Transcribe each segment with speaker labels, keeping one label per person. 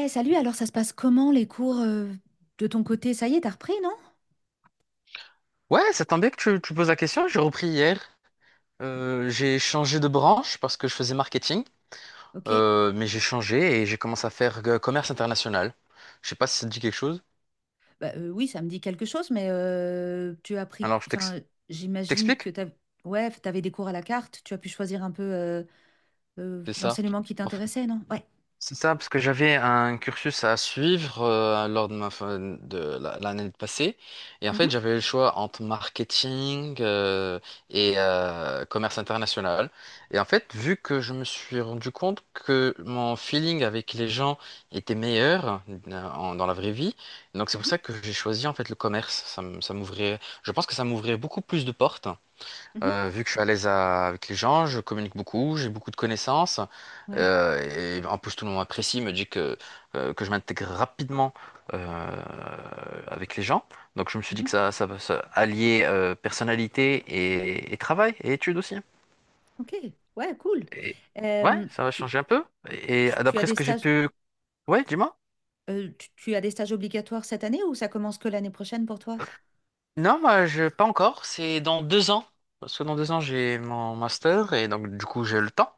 Speaker 1: Salut, alors ça se passe comment les cours de ton côté? Ça y est, t'as repris, non?
Speaker 2: Ouais, ça tombe bien que tu poses la question. J'ai repris hier. J'ai changé de branche parce que je faisais marketing.
Speaker 1: Ok.
Speaker 2: Mais j'ai changé et j'ai commencé à faire commerce international. Je sais pas si ça te dit quelque chose.
Speaker 1: Oui, ça me dit quelque chose, mais tu as pris...
Speaker 2: Alors,
Speaker 1: Enfin, j'imagine
Speaker 2: t'explique?
Speaker 1: que t'as... Ouais, t'avais des cours à la carte, tu as pu choisir un peu
Speaker 2: C'est ça.
Speaker 1: l'enseignement qui t'intéressait, non? Ouais.
Speaker 2: C'est ça, parce que j'avais un cursus à suivre lors de ma fin de l'année passée. Et en
Speaker 1: Mhm,
Speaker 2: fait, j'avais le choix entre marketing et commerce international. Et en fait, vu que je me suis rendu compte que mon feeling avec les gens était meilleur dans la vraie vie, donc c'est pour
Speaker 1: mhm,
Speaker 2: ça que j'ai choisi en fait le commerce. Ça m'ouvrait, je pense que ça m'ouvrait beaucoup plus de portes.
Speaker 1: mhm.
Speaker 2: Vu que je suis à l'aise avec les gens, je communique beaucoup, j'ai beaucoup de connaissances,
Speaker 1: Ouais.
Speaker 2: euh, et en plus tout le monde m'apprécie, me dit que je m'intègre rapidement euh, avec les gens. Donc je me suis dit
Speaker 1: Mhm.
Speaker 2: que ça va se allier personnalité et travail et études aussi.
Speaker 1: Ok. Ouais, cool.
Speaker 2: Et, ouais,
Speaker 1: Euh,
Speaker 2: ça va
Speaker 1: tu,
Speaker 2: changer un peu. Et
Speaker 1: tu as
Speaker 2: d'après ce
Speaker 1: des
Speaker 2: que j'ai
Speaker 1: stages,
Speaker 2: pu... Ouais, dis-moi.
Speaker 1: euh, tu as des stages obligatoires cette année ou ça commence que l'année prochaine pour toi?
Speaker 2: Non, moi, je, pas encore, c'est dans 2 ans. Parce que dans 2 ans, j'ai mon master, et donc du coup, j'ai le temps.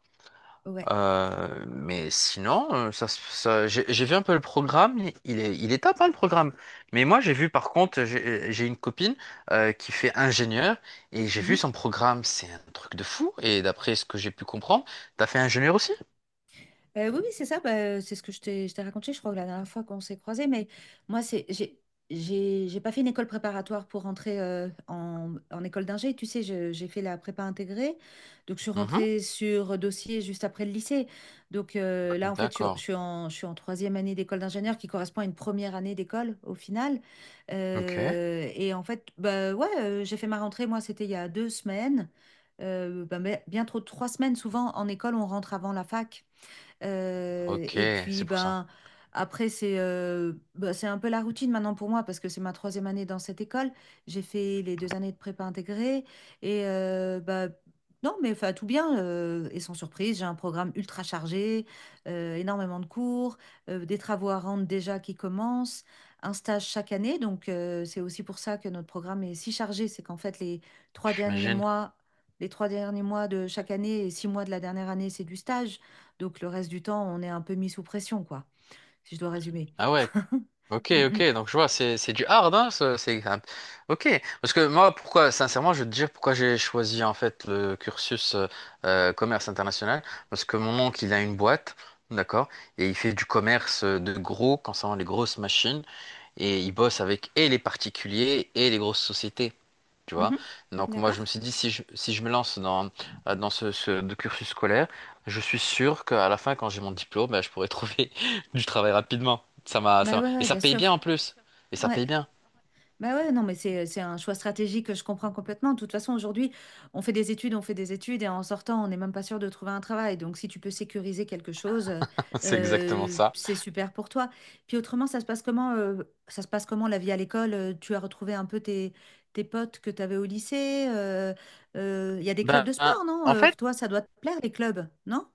Speaker 1: Ouais.
Speaker 2: Mais sinon, j'ai vu un peu le programme, il est top hein, le programme. Mais moi j'ai vu par contre, j'ai une copine qui fait ingénieur, et j'ai vu son programme, c'est un truc de fou. Et d'après ce que j'ai pu comprendre, t'as fait ingénieur aussi?
Speaker 1: Oui, oui, c'est ça, c'est ce que je t'ai raconté, je crois, la dernière fois qu'on s'est croisés, mais moi, c'est, j'ai pas fait une école préparatoire pour rentrer en école d'ingé, tu sais, j'ai fait la prépa intégrée, donc je suis
Speaker 2: Mhm.
Speaker 1: rentrée sur dossier juste après le lycée, donc là, en fait, je
Speaker 2: D'accord.
Speaker 1: suis je suis en troisième année d'école d'ingénieur qui correspond à une première année d'école, au final.
Speaker 2: Ok.
Speaker 1: Et en fait, j'ai fait ma rentrée, moi, c'était il y a deux semaines. Mais bien trop, de trois semaines, souvent, en école, on rentre avant la fac.
Speaker 2: Ok,
Speaker 1: Et
Speaker 2: c'est
Speaker 1: puis,
Speaker 2: pour ça.
Speaker 1: après, c'est ben, c'est un peu la routine maintenant pour moi parce que c'est ma troisième année dans cette école. J'ai fait les deux années de prépa intégrée. Et ben, non, mais enfin, tout bien. Et sans surprise, j'ai un programme ultra chargé, énormément de cours, des travaux à rendre déjà qui commencent, un stage chaque année. Donc, c'est aussi pour ça que notre programme est si chargé. C'est qu'en fait, trois derniers
Speaker 2: J'imagine.
Speaker 1: mois, les trois derniers mois de chaque année et six mois de la dernière année, c'est du stage. Donc le reste du temps, on est un peu mis sous pression, quoi, si je dois résumer.
Speaker 2: Ah ouais, ok,
Speaker 1: Mm,
Speaker 2: ok,
Speaker 1: mm.
Speaker 2: donc je vois, c'est du hard, hein, ça, ok. Parce que moi, pourquoi, sincèrement, je vais te dire pourquoi j'ai choisi en fait le cursus commerce international, parce que mon oncle, il a une boîte, d'accord, et il fait du commerce de gros, concernant les grosses machines, et il bosse avec et les particuliers et les grosses sociétés. Tu vois?
Speaker 1: Mhm.
Speaker 2: Donc moi
Speaker 1: D'accord?
Speaker 2: je me suis dit si je me lance dans, dans ce, ce de cursus scolaire, je suis sûr qu'à la fin quand j'ai mon diplôme, ben, je pourrai trouver du travail rapidement. Ça m'a,
Speaker 1: Bah
Speaker 2: ça m'a-
Speaker 1: ouais,
Speaker 2: Et
Speaker 1: ouais,
Speaker 2: ça
Speaker 1: bien
Speaker 2: paye bien
Speaker 1: sûr.
Speaker 2: en plus. Et ça
Speaker 1: Ouais.
Speaker 2: paye bien.
Speaker 1: Bah ouais, non, mais c'est un choix stratégique que je comprends complètement. De toute façon, aujourd'hui, on fait des études et en sortant, on n'est même pas sûr de trouver un travail. Donc, si tu peux sécuriser quelque chose,
Speaker 2: C'est exactement ça.
Speaker 1: c'est super pour toi. Puis autrement, ça se passe comment la vie à l'école? Tu as retrouvé un peu tes potes que tu avais au lycée? Il y a des clubs
Speaker 2: Ben
Speaker 1: de sport, non?
Speaker 2: en fait,
Speaker 1: Toi, ça doit te plaire, les clubs, non?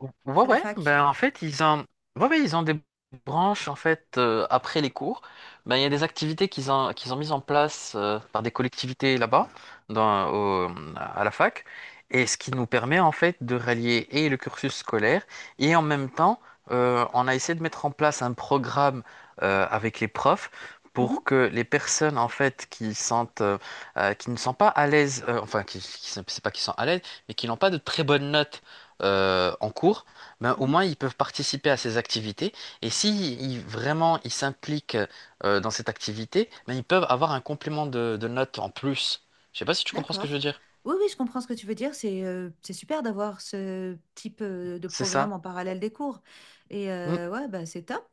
Speaker 2: ouais,
Speaker 1: À la
Speaker 2: ouais,
Speaker 1: fac.
Speaker 2: ben en fait, ouais, ouais, ils ont des branches, en fait, après les cours. Ben, il y a des activités qu'ils ont mises en place par des collectivités là-bas, dans, au- à la fac. Et ce qui nous permet, en fait, de rallier et le cursus scolaire, et en même temps, on a essayé de mettre en place un programme avec les profs
Speaker 1: Mhm,
Speaker 2: pour que les personnes, en fait, qui sentent qui ne sont pas à l'aise, enfin, c'est pas qu'ils sont à l'aise, mais qui n'ont pas de très bonnes notes en cours, ben, au
Speaker 1: mhm.
Speaker 2: moins ils peuvent participer à ces activités. Et si vraiment ils s'impliquent dans cette activité, ben, ils peuvent avoir un complément de notes en plus. Je sais pas si tu comprends ce que je veux
Speaker 1: D'accord.
Speaker 2: dire.
Speaker 1: Oui, oui, je comprends ce que tu veux dire. C'est super d'avoir ce type de
Speaker 2: C'est ça.
Speaker 1: programme en parallèle des cours. Et ouais, bah, c'est top.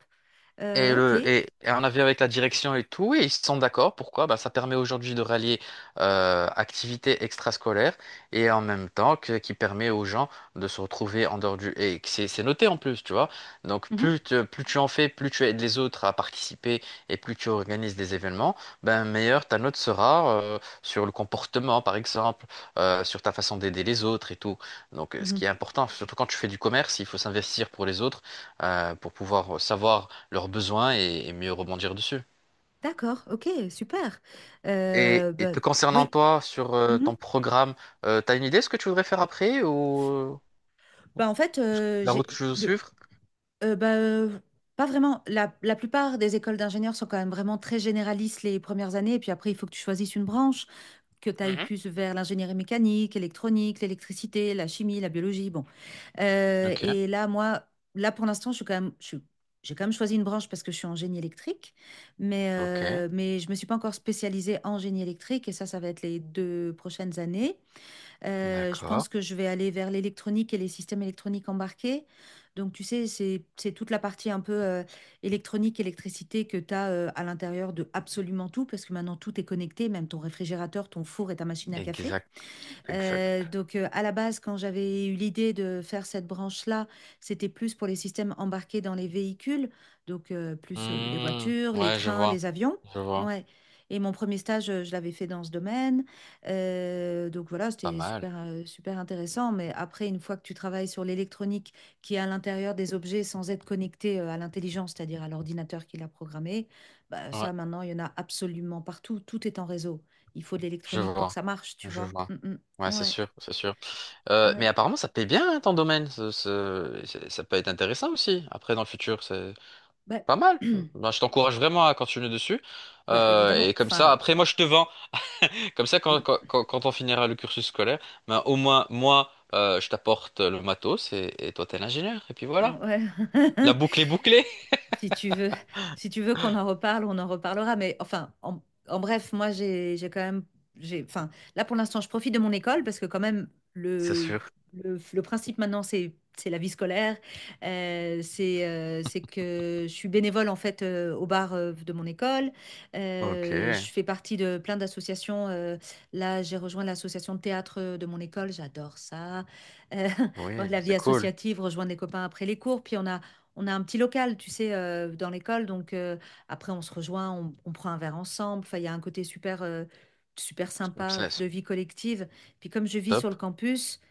Speaker 2: Et,
Speaker 1: Ok.
Speaker 2: le, et, et on a vu avec la direction et tout, et ils sont d'accord. Pourquoi? Bah, ça permet aujourd'hui de rallier activités extrascolaires et en même temps qui permet aux gens de se retrouver en dehors du... Et que c'est noté en plus, tu vois. Donc
Speaker 1: Mhm,
Speaker 2: plus, plus tu en fais, plus tu aides les autres à participer et plus tu organises des événements, ben, meilleure ta note sera sur le comportement, par exemple, sur ta façon d'aider les autres et tout. Donc, ce
Speaker 1: mhm,
Speaker 2: qui est important, surtout quand tu fais du commerce, il faut s'investir pour les autres pour pouvoir savoir leurs besoins et mieux rebondir dessus.
Speaker 1: d'accord. Ok, super.
Speaker 2: Et, et
Speaker 1: Bah,
Speaker 2: te concernant
Speaker 1: oui.
Speaker 2: toi, sur
Speaker 1: Mhm.
Speaker 2: ton programme, t'as une idée de ce que tu voudrais faire après ou
Speaker 1: Bah, en fait,
Speaker 2: la
Speaker 1: j'ai
Speaker 2: route que tu veux
Speaker 1: le
Speaker 2: suivre?
Speaker 1: euh, bah, euh, pas vraiment. La plupart des écoles d'ingénieurs sont quand même vraiment très généralistes les premières années, et puis après, il faut que tu choisisses une branche, que tu ailles
Speaker 2: Mhm.
Speaker 1: plus vers l'ingénierie mécanique, électronique, l'électricité, la chimie, la biologie. Bon.
Speaker 2: Ok,
Speaker 1: Et là, moi, là pour l'instant, je suis quand même, je suis- j'ai quand même choisi une branche parce que je suis en génie électrique,
Speaker 2: ok,
Speaker 1: mais je me suis pas encore spécialisée en génie électrique et ça va être les deux prochaines années. Je
Speaker 2: d'accord.
Speaker 1: pense que je vais aller vers l'électronique et les systèmes électroniques embarqués. Donc, tu sais, c'est toute la partie un peu électronique, électricité que tu as à l'intérieur de absolument tout, parce que maintenant tout est connecté, même ton réfrigérateur, ton four et ta machine à café.
Speaker 2: Exact, exact.
Speaker 1: À la base, quand j'avais eu l'idée de faire cette branche-là, c'était plus pour les systèmes embarqués dans les véhicules, donc plus les
Speaker 2: Hmm,
Speaker 1: voitures, les
Speaker 2: ouais, je
Speaker 1: trains,
Speaker 2: vois,
Speaker 1: les avions.
Speaker 2: je vois.
Speaker 1: Ouais. Et mon premier stage, je l'avais fait dans ce domaine. Donc voilà,
Speaker 2: Pas
Speaker 1: c'était
Speaker 2: mal.
Speaker 1: super, super intéressant. Mais après, une fois que tu travailles sur l'électronique qui est à l'intérieur des objets sans être connecté à l'intelligence, c'est-à-dire à l'ordinateur qui l'a programmé, bah,
Speaker 2: Ouais,
Speaker 1: ça, maintenant, il y en a absolument partout. Tout est en réseau. Il faut de
Speaker 2: je
Speaker 1: l'électronique pour que
Speaker 2: vois,
Speaker 1: ça marche, tu
Speaker 2: je
Speaker 1: vois.
Speaker 2: vois.
Speaker 1: Mm,
Speaker 2: Ouais,
Speaker 1: mm.
Speaker 2: c'est
Speaker 1: Ouais,
Speaker 2: sûr, c'est sûr. Mais
Speaker 1: ouais.
Speaker 2: apparemment, ça paye bien hein, ton domaine. Ça peut être intéressant aussi, après, dans le futur.
Speaker 1: Bah,
Speaker 2: Pas mal. Ben, je t'encourage vraiment à continuer dessus.
Speaker 1: bah évidemment,
Speaker 2: Et comme ça,
Speaker 1: enfin,
Speaker 2: après, moi, je te vends. Comme ça, quand on finira le cursus scolaire, ben, au moins, moi, je t'apporte le matos et toi, t'es l'ingénieur. Et puis voilà.
Speaker 1: ouais.
Speaker 2: La boucle est bouclée.
Speaker 1: Si tu veux, si tu veux qu'on en reparle, on en reparlera. Mais enfin, en bref, moi, j'ai quand même, j'ai, enfin, là pour l'instant, je profite de mon école parce que quand même,
Speaker 2: C'est
Speaker 1: le,
Speaker 2: sûr.
Speaker 1: le principe maintenant, c'est la vie scolaire. C'est que je suis bénévole en fait au bar de mon école.
Speaker 2: Ok.
Speaker 1: Je fais partie de plein d'associations. Là, j'ai rejoint l'association de théâtre de mon école. J'adore ça. Euh,
Speaker 2: Oui,
Speaker 1: la vie
Speaker 2: c'est cool.
Speaker 1: associative, rejoindre des copains après les cours. Puis on a un petit local, tu sais, dans l'école, donc après on se rejoint, on prend un verre ensemble. Enfin, il y a un côté super, super
Speaker 2: C'est
Speaker 1: sympa
Speaker 2: c'est
Speaker 1: de vie collective. Puis
Speaker 2: top.
Speaker 1: campus,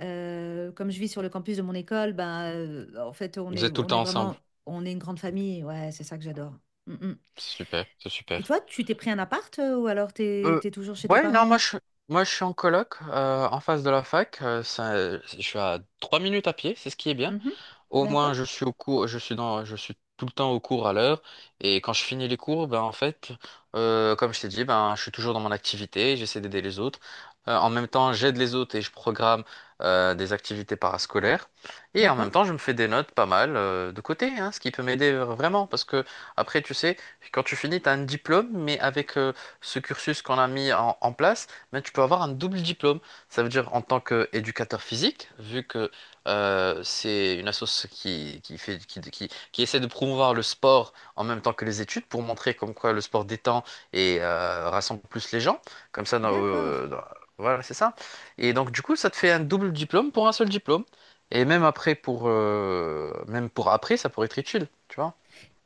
Speaker 1: euh, comme je vis sur le campus de mon école, en fait
Speaker 2: Vous êtes tout le
Speaker 1: on est
Speaker 2: temps ensemble.
Speaker 1: vraiment, on est une grande famille. Ouais, c'est ça que j'adore. Mm, mm.
Speaker 2: C'est super. C'est
Speaker 1: Et
Speaker 2: super.
Speaker 1: toi, tu t'es pris un appart ou alors
Speaker 2: Euh,
Speaker 1: t'es toujours chez tes
Speaker 2: ouais, non, moi,
Speaker 1: parents?
Speaker 2: je, moi, je suis en coloc, en face de la fac. Je suis à 3 minutes à pied. C'est ce qui est bien.
Speaker 1: Mhm.
Speaker 2: Au moins,
Speaker 1: D'accord,
Speaker 2: je suis au cours, je suis tout le temps au cours à l'heure. Et quand je finis les cours, ben en fait, comme je t'ai dit, ben je suis toujours dans mon activité, j'essaie d'aider les autres. En même temps, j'aide les autres et je programme des activités parascolaires. Et en même
Speaker 1: d'accord,
Speaker 2: temps, je me fais des notes pas mal de côté, hein, ce qui peut m'aider vraiment. Parce que après, tu sais, quand tu finis, tu as un diplôme, mais avec ce cursus qu'on a mis en place, ben, tu peux avoir un double diplôme. Ça veut dire en tant qu'éducateur physique, vu que c'est une asso qui fait, qui essaie de promouvoir le sport en même temps que les études pour montrer comme quoi le sport détend et rassemble plus les gens. Comme ça,
Speaker 1: d'accord.
Speaker 2: voilà, c'est ça. Et donc, du coup, ça te fait un double diplôme pour un seul diplôme. Et même après, même pour après, ça pourrait être utile, tu vois.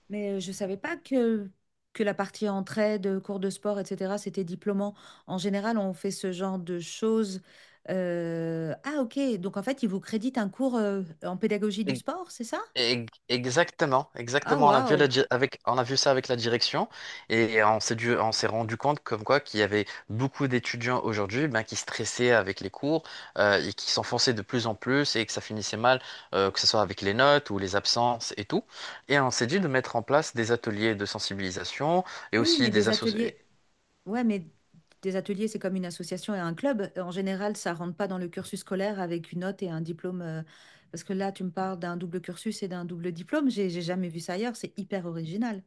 Speaker 1: Mais je ne savais pas que, que la partie entraide, cours de sport, etc., c'était diplômant. En général, on fait ce genre de choses. Ah, ok. Donc, en fait, ils vous créditent un cours en pédagogie du sport, c'est ça?
Speaker 2: Exactement,
Speaker 1: Ah,
Speaker 2: exactement. On a vu la
Speaker 1: waouh.
Speaker 2: di- avec, on a vu ça avec la direction et on s'est rendu compte comme quoi qu'il y avait beaucoup d'étudiants aujourd'hui ben, qui stressaient avec les cours et qui s'enfonçaient de plus en plus et que ça finissait mal, que ce soit avec les notes ou les absences et tout. Et on s'est dit de mettre en place des ateliers de sensibilisation et
Speaker 1: Oui, oui,
Speaker 2: aussi
Speaker 1: mais
Speaker 2: des
Speaker 1: des
Speaker 2: associations.
Speaker 1: ateliers. Ouais, mais des ateliers, c'est comme une association et un club. En général, ça rentre pas dans le cursus scolaire avec une note et un diplôme. Parce que là, tu me parles d'un double cursus et d'un double diplôme. J'ai jamais vu ça ailleurs. C'est hyper original.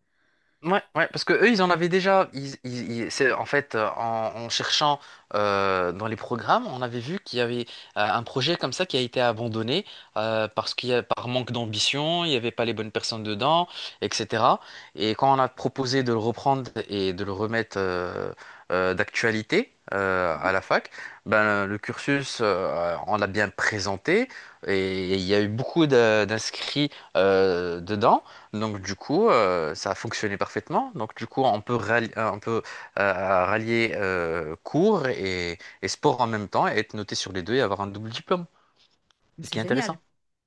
Speaker 2: Ouais, ouais, parce que eux, ils en avaient déjà. C'est, en fait, en cherchant dans les programmes, on avait vu qu'il y avait un projet comme ça qui a été abandonné parce par manque d'ambition, il n'y avait pas les bonnes personnes dedans, etc. Et quand on a proposé de le reprendre et de le remettre d'actualité à la fac, ben, le cursus, on l'a bien présenté et il y a eu beaucoup d'inscrits dedans. Donc du coup, ça a fonctionné parfaitement. Donc du coup, on peut rallier cours et sport en même temps et être noté sur les deux et avoir un double diplôme.
Speaker 1: Mais
Speaker 2: C'est ce
Speaker 1: c'est
Speaker 2: qui est intéressant.
Speaker 1: génial.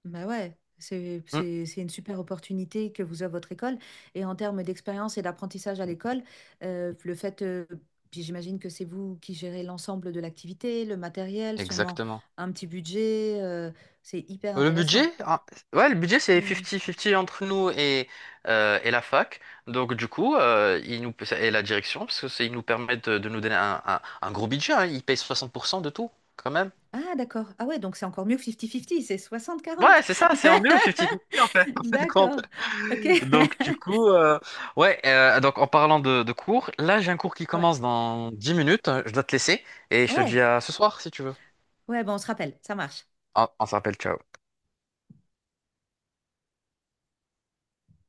Speaker 1: Bah ouais,
Speaker 2: Mm,
Speaker 1: c'est une super opportunité que vous avez votre école. Et en termes d'expérience et d'apprentissage à l'école, euh, le fait, euh, puis j'imagine que c'est vous qui gérez l'ensemble de l'activité, le matériel, sûrement
Speaker 2: exactement.
Speaker 1: un petit budget, c'est hyper intéressant.
Speaker 2: Ah, ouais, le budget c'est
Speaker 1: Hmm.
Speaker 2: 50-50 entre nous et la fac. Donc du coup, et la direction, parce que ils nous permettent de nous donner un gros budget, hein. Ils payent 60% de tout, quand même.
Speaker 1: Ah d'accord. Ah ouais, donc c'est encore mieux que 50-50, c'est
Speaker 2: Ouais,
Speaker 1: soixante-quarante.
Speaker 2: c'est ça, c'est en mieux 50-50 en fait, en fin de compte.
Speaker 1: D'accord. Ok.
Speaker 2: Donc du coup, ouais, donc en parlant de cours, là j'ai un cours qui
Speaker 1: Ouais.
Speaker 2: commence dans 10 minutes, je dois te laisser et je te dis
Speaker 1: Ouais.
Speaker 2: à ce soir si tu veux.
Speaker 1: Ouais, bon, on se rappelle, ça marche.
Speaker 2: On s'appelle, ciao.